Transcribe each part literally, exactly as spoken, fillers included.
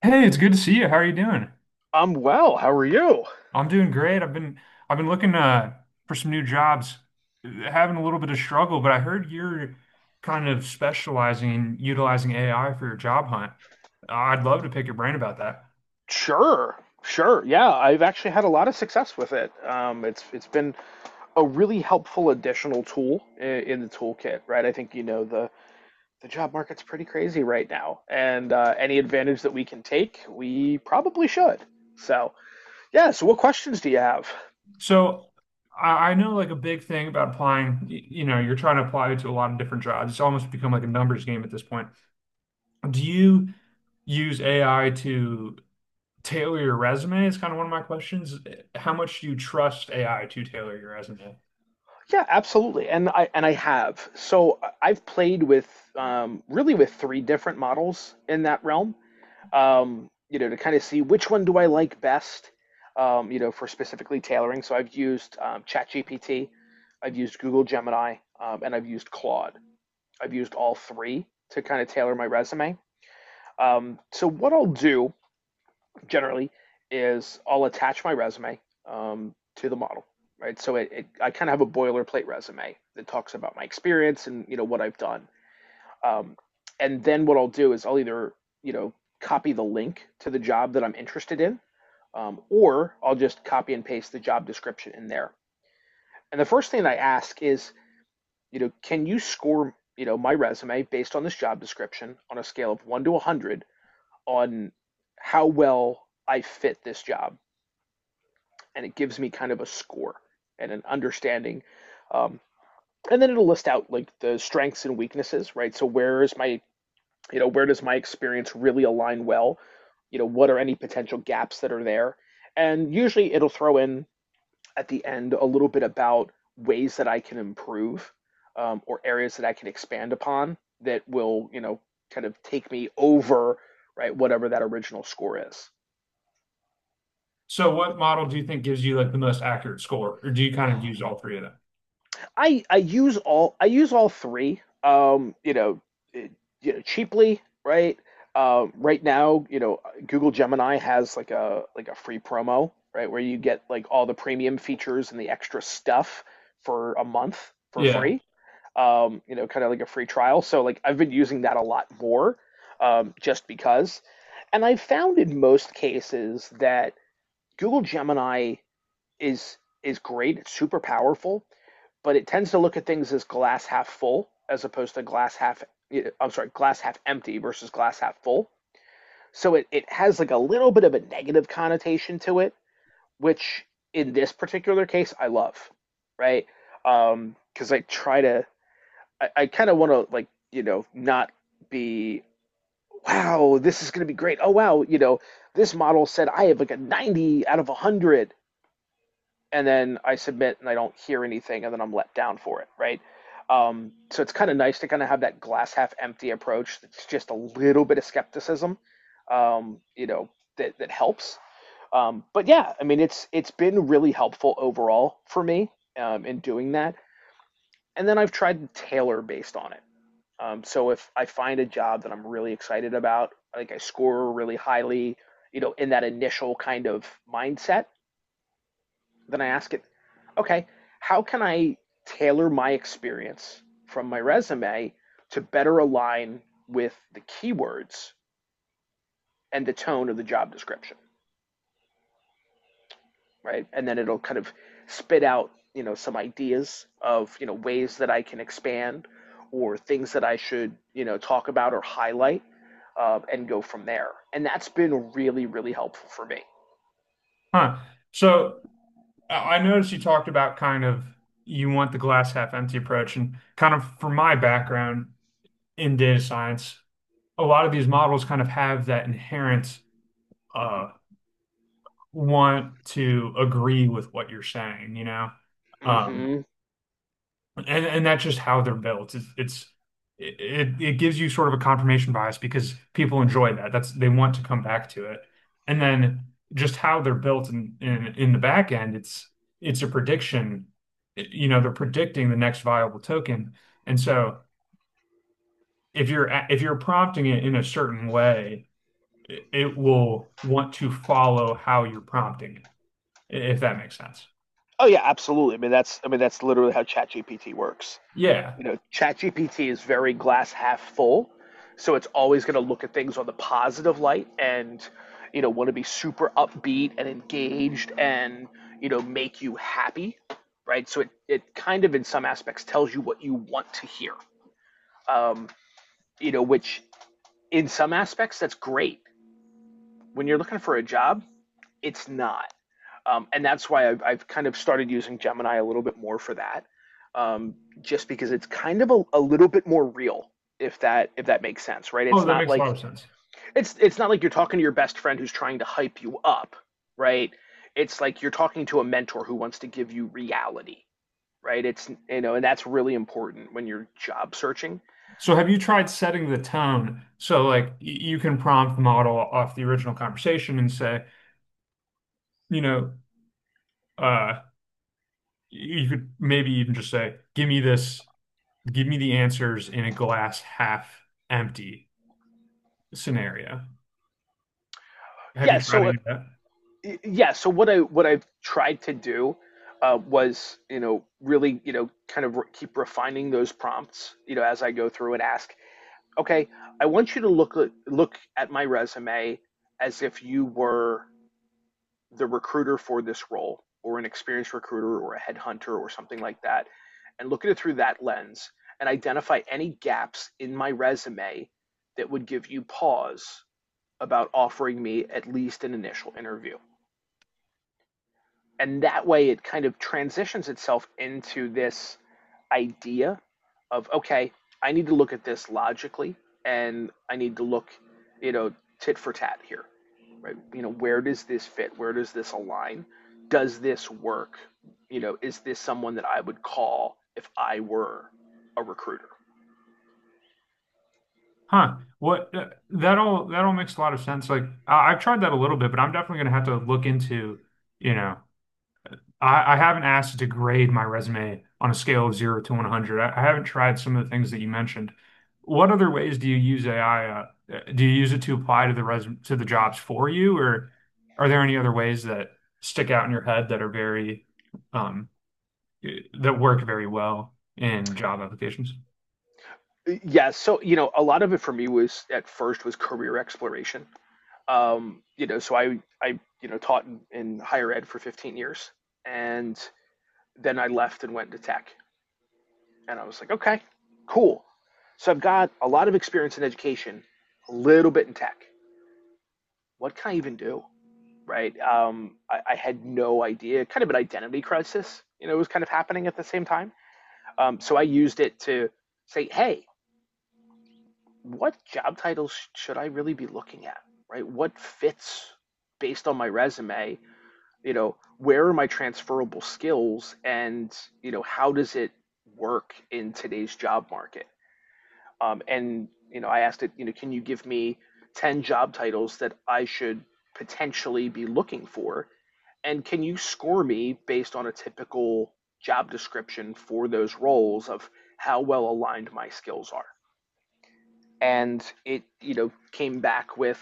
Hey, it's good to see you. How are you doing? I'm well. How are you? I'm doing great. I've been I've been looking uh for some new jobs, uh, having a little bit of struggle, but I heard you're kind of specializing in utilizing A I for your job hunt. I'd love to pick your brain about that. Sure. Sure, yeah, I've actually had a lot of success with it. Um, it's it's been a really helpful additional tool in, in the toolkit, right? I think you know the the job market's pretty crazy right now, and uh, any advantage that we can take, we probably should. So, yeah. So, what questions do you have? So I, I know like a big thing about applying, y- you know, you're trying to apply to a lot of different jobs. It's almost become like a numbers game at this point. Do you use A I to tailor your resume? Is kind of one of my questions. How much do you trust A I to tailor your resume? Yeah, absolutely. And I and I have. So I- I've played with um, really with three different models in that realm. Um, you know, to kind of see which one do I like best, um, you know, for specifically tailoring. So I've used um, ChatGPT, I've used Google Gemini, um, and I've used Claude. I've used all three to kind of tailor my resume. Um, so what I'll do generally is I'll attach my resume um, to the model, right? So it, it I kind of have a boilerplate resume that talks about my experience and you know what I've done. Um, and then what I'll do is I'll either, you know, copy the link to the job that I'm interested in, um, or I'll just copy and paste the job description in there. And the first thing I ask is, you know, can you score, you know, my resume based on this job description on a scale of one to one hundred on how well I fit this job? And it gives me kind of a score and an understanding. Um, and then it'll list out like the strengths and weaknesses, right? So where is my you know, where does my experience really align well? You know, what are any potential gaps that are there? And usually it'll throw in at the end a little bit about ways that I can improve, um, or areas that I can expand upon that will, you know, kind of take me over, right, whatever that original score is. So what model do you think gives you like the most accurate score, or do you kind of use all three of them? I I use all I use all three. Um, you know, it, you know, cheaply, right? Um, right now, you know, Google Gemini has like a like a free promo, right, where you get like all the premium features and the extra stuff for a month for Yeah. free. Um, you know, kind of like a free trial. So like I've been using that a lot more, um, just because. And I've found in most cases that Google Gemini is is great. It's super powerful, but it tends to look at things as glass half full as opposed to glass half, yeah, I'm sorry, glass half empty versus glass half full. So it, it has like a little bit of a negative connotation to it, which in this particular case I love, right? Um, because I try to I, I kind of want to, like, you know, not be, wow, this is going to be great, oh wow, you know, this model said I have like a ninety out of one hundred, and then I submit and I don't hear anything, and then I'm let down for it, right? Um, so it's kind of nice to kind of have that glass half empty approach. It's just a little bit of skepticism, um, you know, that that helps. Um, but yeah, I mean, it's it's been really helpful overall for me um, in doing that. And then I've tried to tailor based on it. Um, so if I find a job that I'm really excited about, like I score really highly, you know, in that initial kind of mindset, then I ask it, okay, how can I tailor my experience from my resume to better align with the keywords and the tone of the job description, right? And then it'll kind of spit out, you know, some ideas of, you know, ways that I can expand or things that I should, you know, talk about or highlight, uh, and go from there. And that's been really, really helpful for me. Huh. So I I noticed you talked about kind of you want the glass half empty approach, and kind of from my background in data science, a lot of these models kind of have that inherent uh, want to agree with what you're saying, you know? Um, Hmm. And and that's just how they're built. It's it's it it gives you sort of a confirmation bias because people enjoy that. That's they want to come back to it. And then just how they're built in in, in the back end, it's it's a prediction. You know, they're predicting the next viable token. And so if you're a- if you're prompting it in a certain way, it, it will want to follow how you're prompting it, if that makes sense. Oh yeah, absolutely. I mean that's I mean that's literally how ChatGPT works. Yeah. You know, ChatGPT is very glass half full, so it's always going to look at things on the positive light and, you know, want to be super upbeat and engaged and, you know, make you happy, right? So it, it kind of, in some aspects, tells you what you want to hear, um, you know, which in some aspects, that's great. When you're looking for a job, it's not. Um, and that's why I've, I've kind of started using Gemini a little bit more for that, um, just because it's kind of a, a little bit more real, if that if that makes sense, right? Oh, It's that not makes a lot like, of sense. it's it's not like you're talking to your best friend who's trying to hype you up, right? It's like you're talking to a mentor who wants to give you reality, right? It's, you know, and that's really important when you're job searching. So have you tried setting the tone? So like y- you can prompt the model off the original conversation and say, you know, uh, you could maybe even just say, give me this, give me the answers in a glass half empty scenario. Have you Yeah, tried so any of that? yeah, so what i what i've tried to do, uh, was, you know, really, you know, kind of re- keep refining those prompts, you know, as I go through and ask, okay, I want you to look at, look at my resume as if you were the recruiter for this role or an experienced recruiter or a headhunter or something like that and look at it through that lens and identify any gaps in my resume that would give you pause about offering me at least an initial interview. And that way it kind of transitions itself into this idea of, okay, I need to look at this logically, and I need to look, you know, tit for tat here, right? You know, where does this fit, where does this align, does this work? You know, is this someone that I would call if I were a recruiter? Huh. What uh, that all that all makes a lot of sense. Like I, I've tried that a little bit, but I'm definitely gonna have to look into, you know. I, I haven't asked you to grade my resume on a scale of zero to one hundred. I, I haven't tried some of the things that you mentioned. What other ways do you use A I? Uh, uh, do you use it to apply to the resume to the jobs for you, or are there any other ways that stick out in your head that are very um, that work very well in job applications? Yeah, so you know, a lot of it for me was at first was career exploration. Um, you know, so I, I, you know, taught in, in higher ed for fifteen years, and then I left and went to tech, and I was like, okay, cool. So I've got a lot of experience in education, a little bit in tech. What can I even do? Right? Um, I, I had no idea. Kind of an identity crisis, you know, was kind of happening at the same time. Um, so I used it to say, hey, what job titles should I really be looking at? Right? What fits based on my resume? You know, where are my transferable skills, and you know, how does it work in today's job market? Um, and you know, I asked it, you know, can you give me ten job titles that I should potentially be looking for, and can you score me based on a typical job description for those roles of how well aligned my skills are? And it, you know, came back with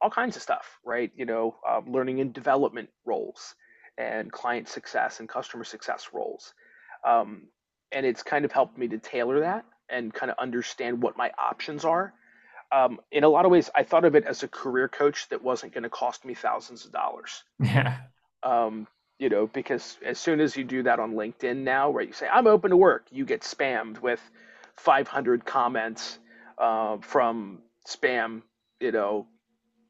all kinds of stuff, right? You know, um, learning and development roles and client success and customer success roles. um, and it's kind of helped me to tailor that and kind of understand what my options are, um, in a lot of ways. I thought of it as a career coach that wasn't going to cost me thousands of dollars, Yeah, um, you know, because as soon as you do that on LinkedIn now, where you say I'm open to work, you get spammed with five hundred comments, uh, from spam, you know,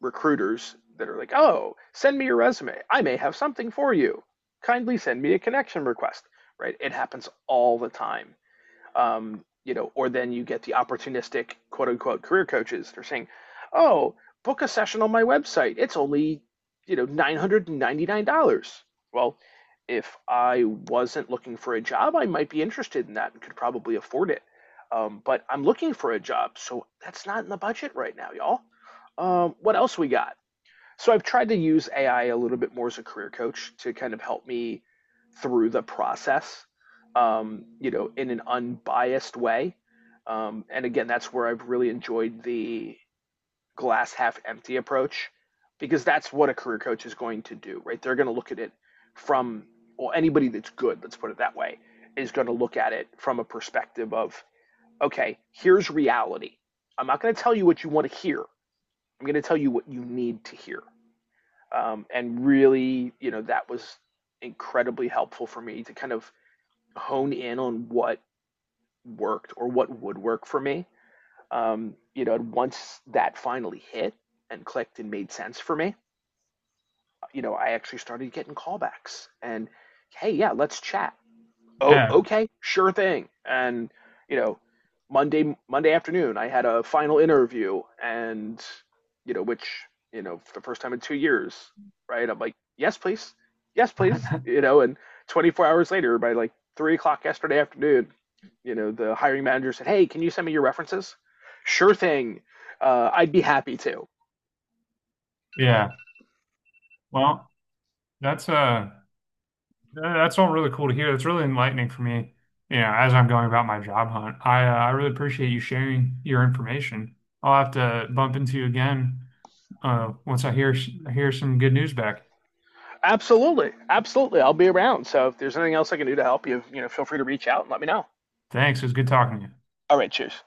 recruiters that are like, "Oh, send me your resume. I may have something for you. Kindly send me a connection request." Right? It happens all the time. Um, you know, or then you get the opportunistic quote unquote career coaches. They're saying, oh, book a session on my website. It's only, you know, nine hundred ninety-nine dollars. Well, if I wasn't looking for a job, I might be interested in that and could probably afford it. Um, but I'm looking for a job, so that's not in the budget right now, y'all. Um, what else we got? So I've tried to use A I a little bit more as a career coach to kind of help me through the process, um, you know, in an unbiased way. Um, and again, that's where I've really enjoyed the glass half empty approach, because that's what a career coach is going to do, right? They're going to look at it from, well, anybody that's good, let's put it that way, is going to look at it from a perspective of, okay, here's reality. I'm not going to tell you what you want to hear. I'm going to tell you what you need to hear. Um, and really, you know, that was incredibly helpful for me to kind of hone in on what worked or what would work for me. Um, you know, and once that finally hit and clicked and made sense for me, you know, I actually started getting callbacks and, hey yeah, let's chat, oh yeah, okay, sure thing. And you know, monday monday afternoon I had a final interview, and you know, which, you know, for the first time in two years, right, I'm like, yes please, yes please, you know. And twenty-four hours later, by like three o'clock yesterday afternoon, you know, the hiring manager said, hey, can you send me your references? Sure thing, uh, I'd be happy to. yeah. Well, that's uh Uh, that's all really cool to hear. That's really enlightening for me, you know, as I'm going about my job hunt. I uh, I really appreciate you sharing your information. I'll have to bump into you again uh, once I hear I hear some good news back. Absolutely, absolutely, I'll be around, so if there's anything else I can do to help you, you know, feel free to reach out and let me know. Thanks. It was good talking to you. All right, cheers.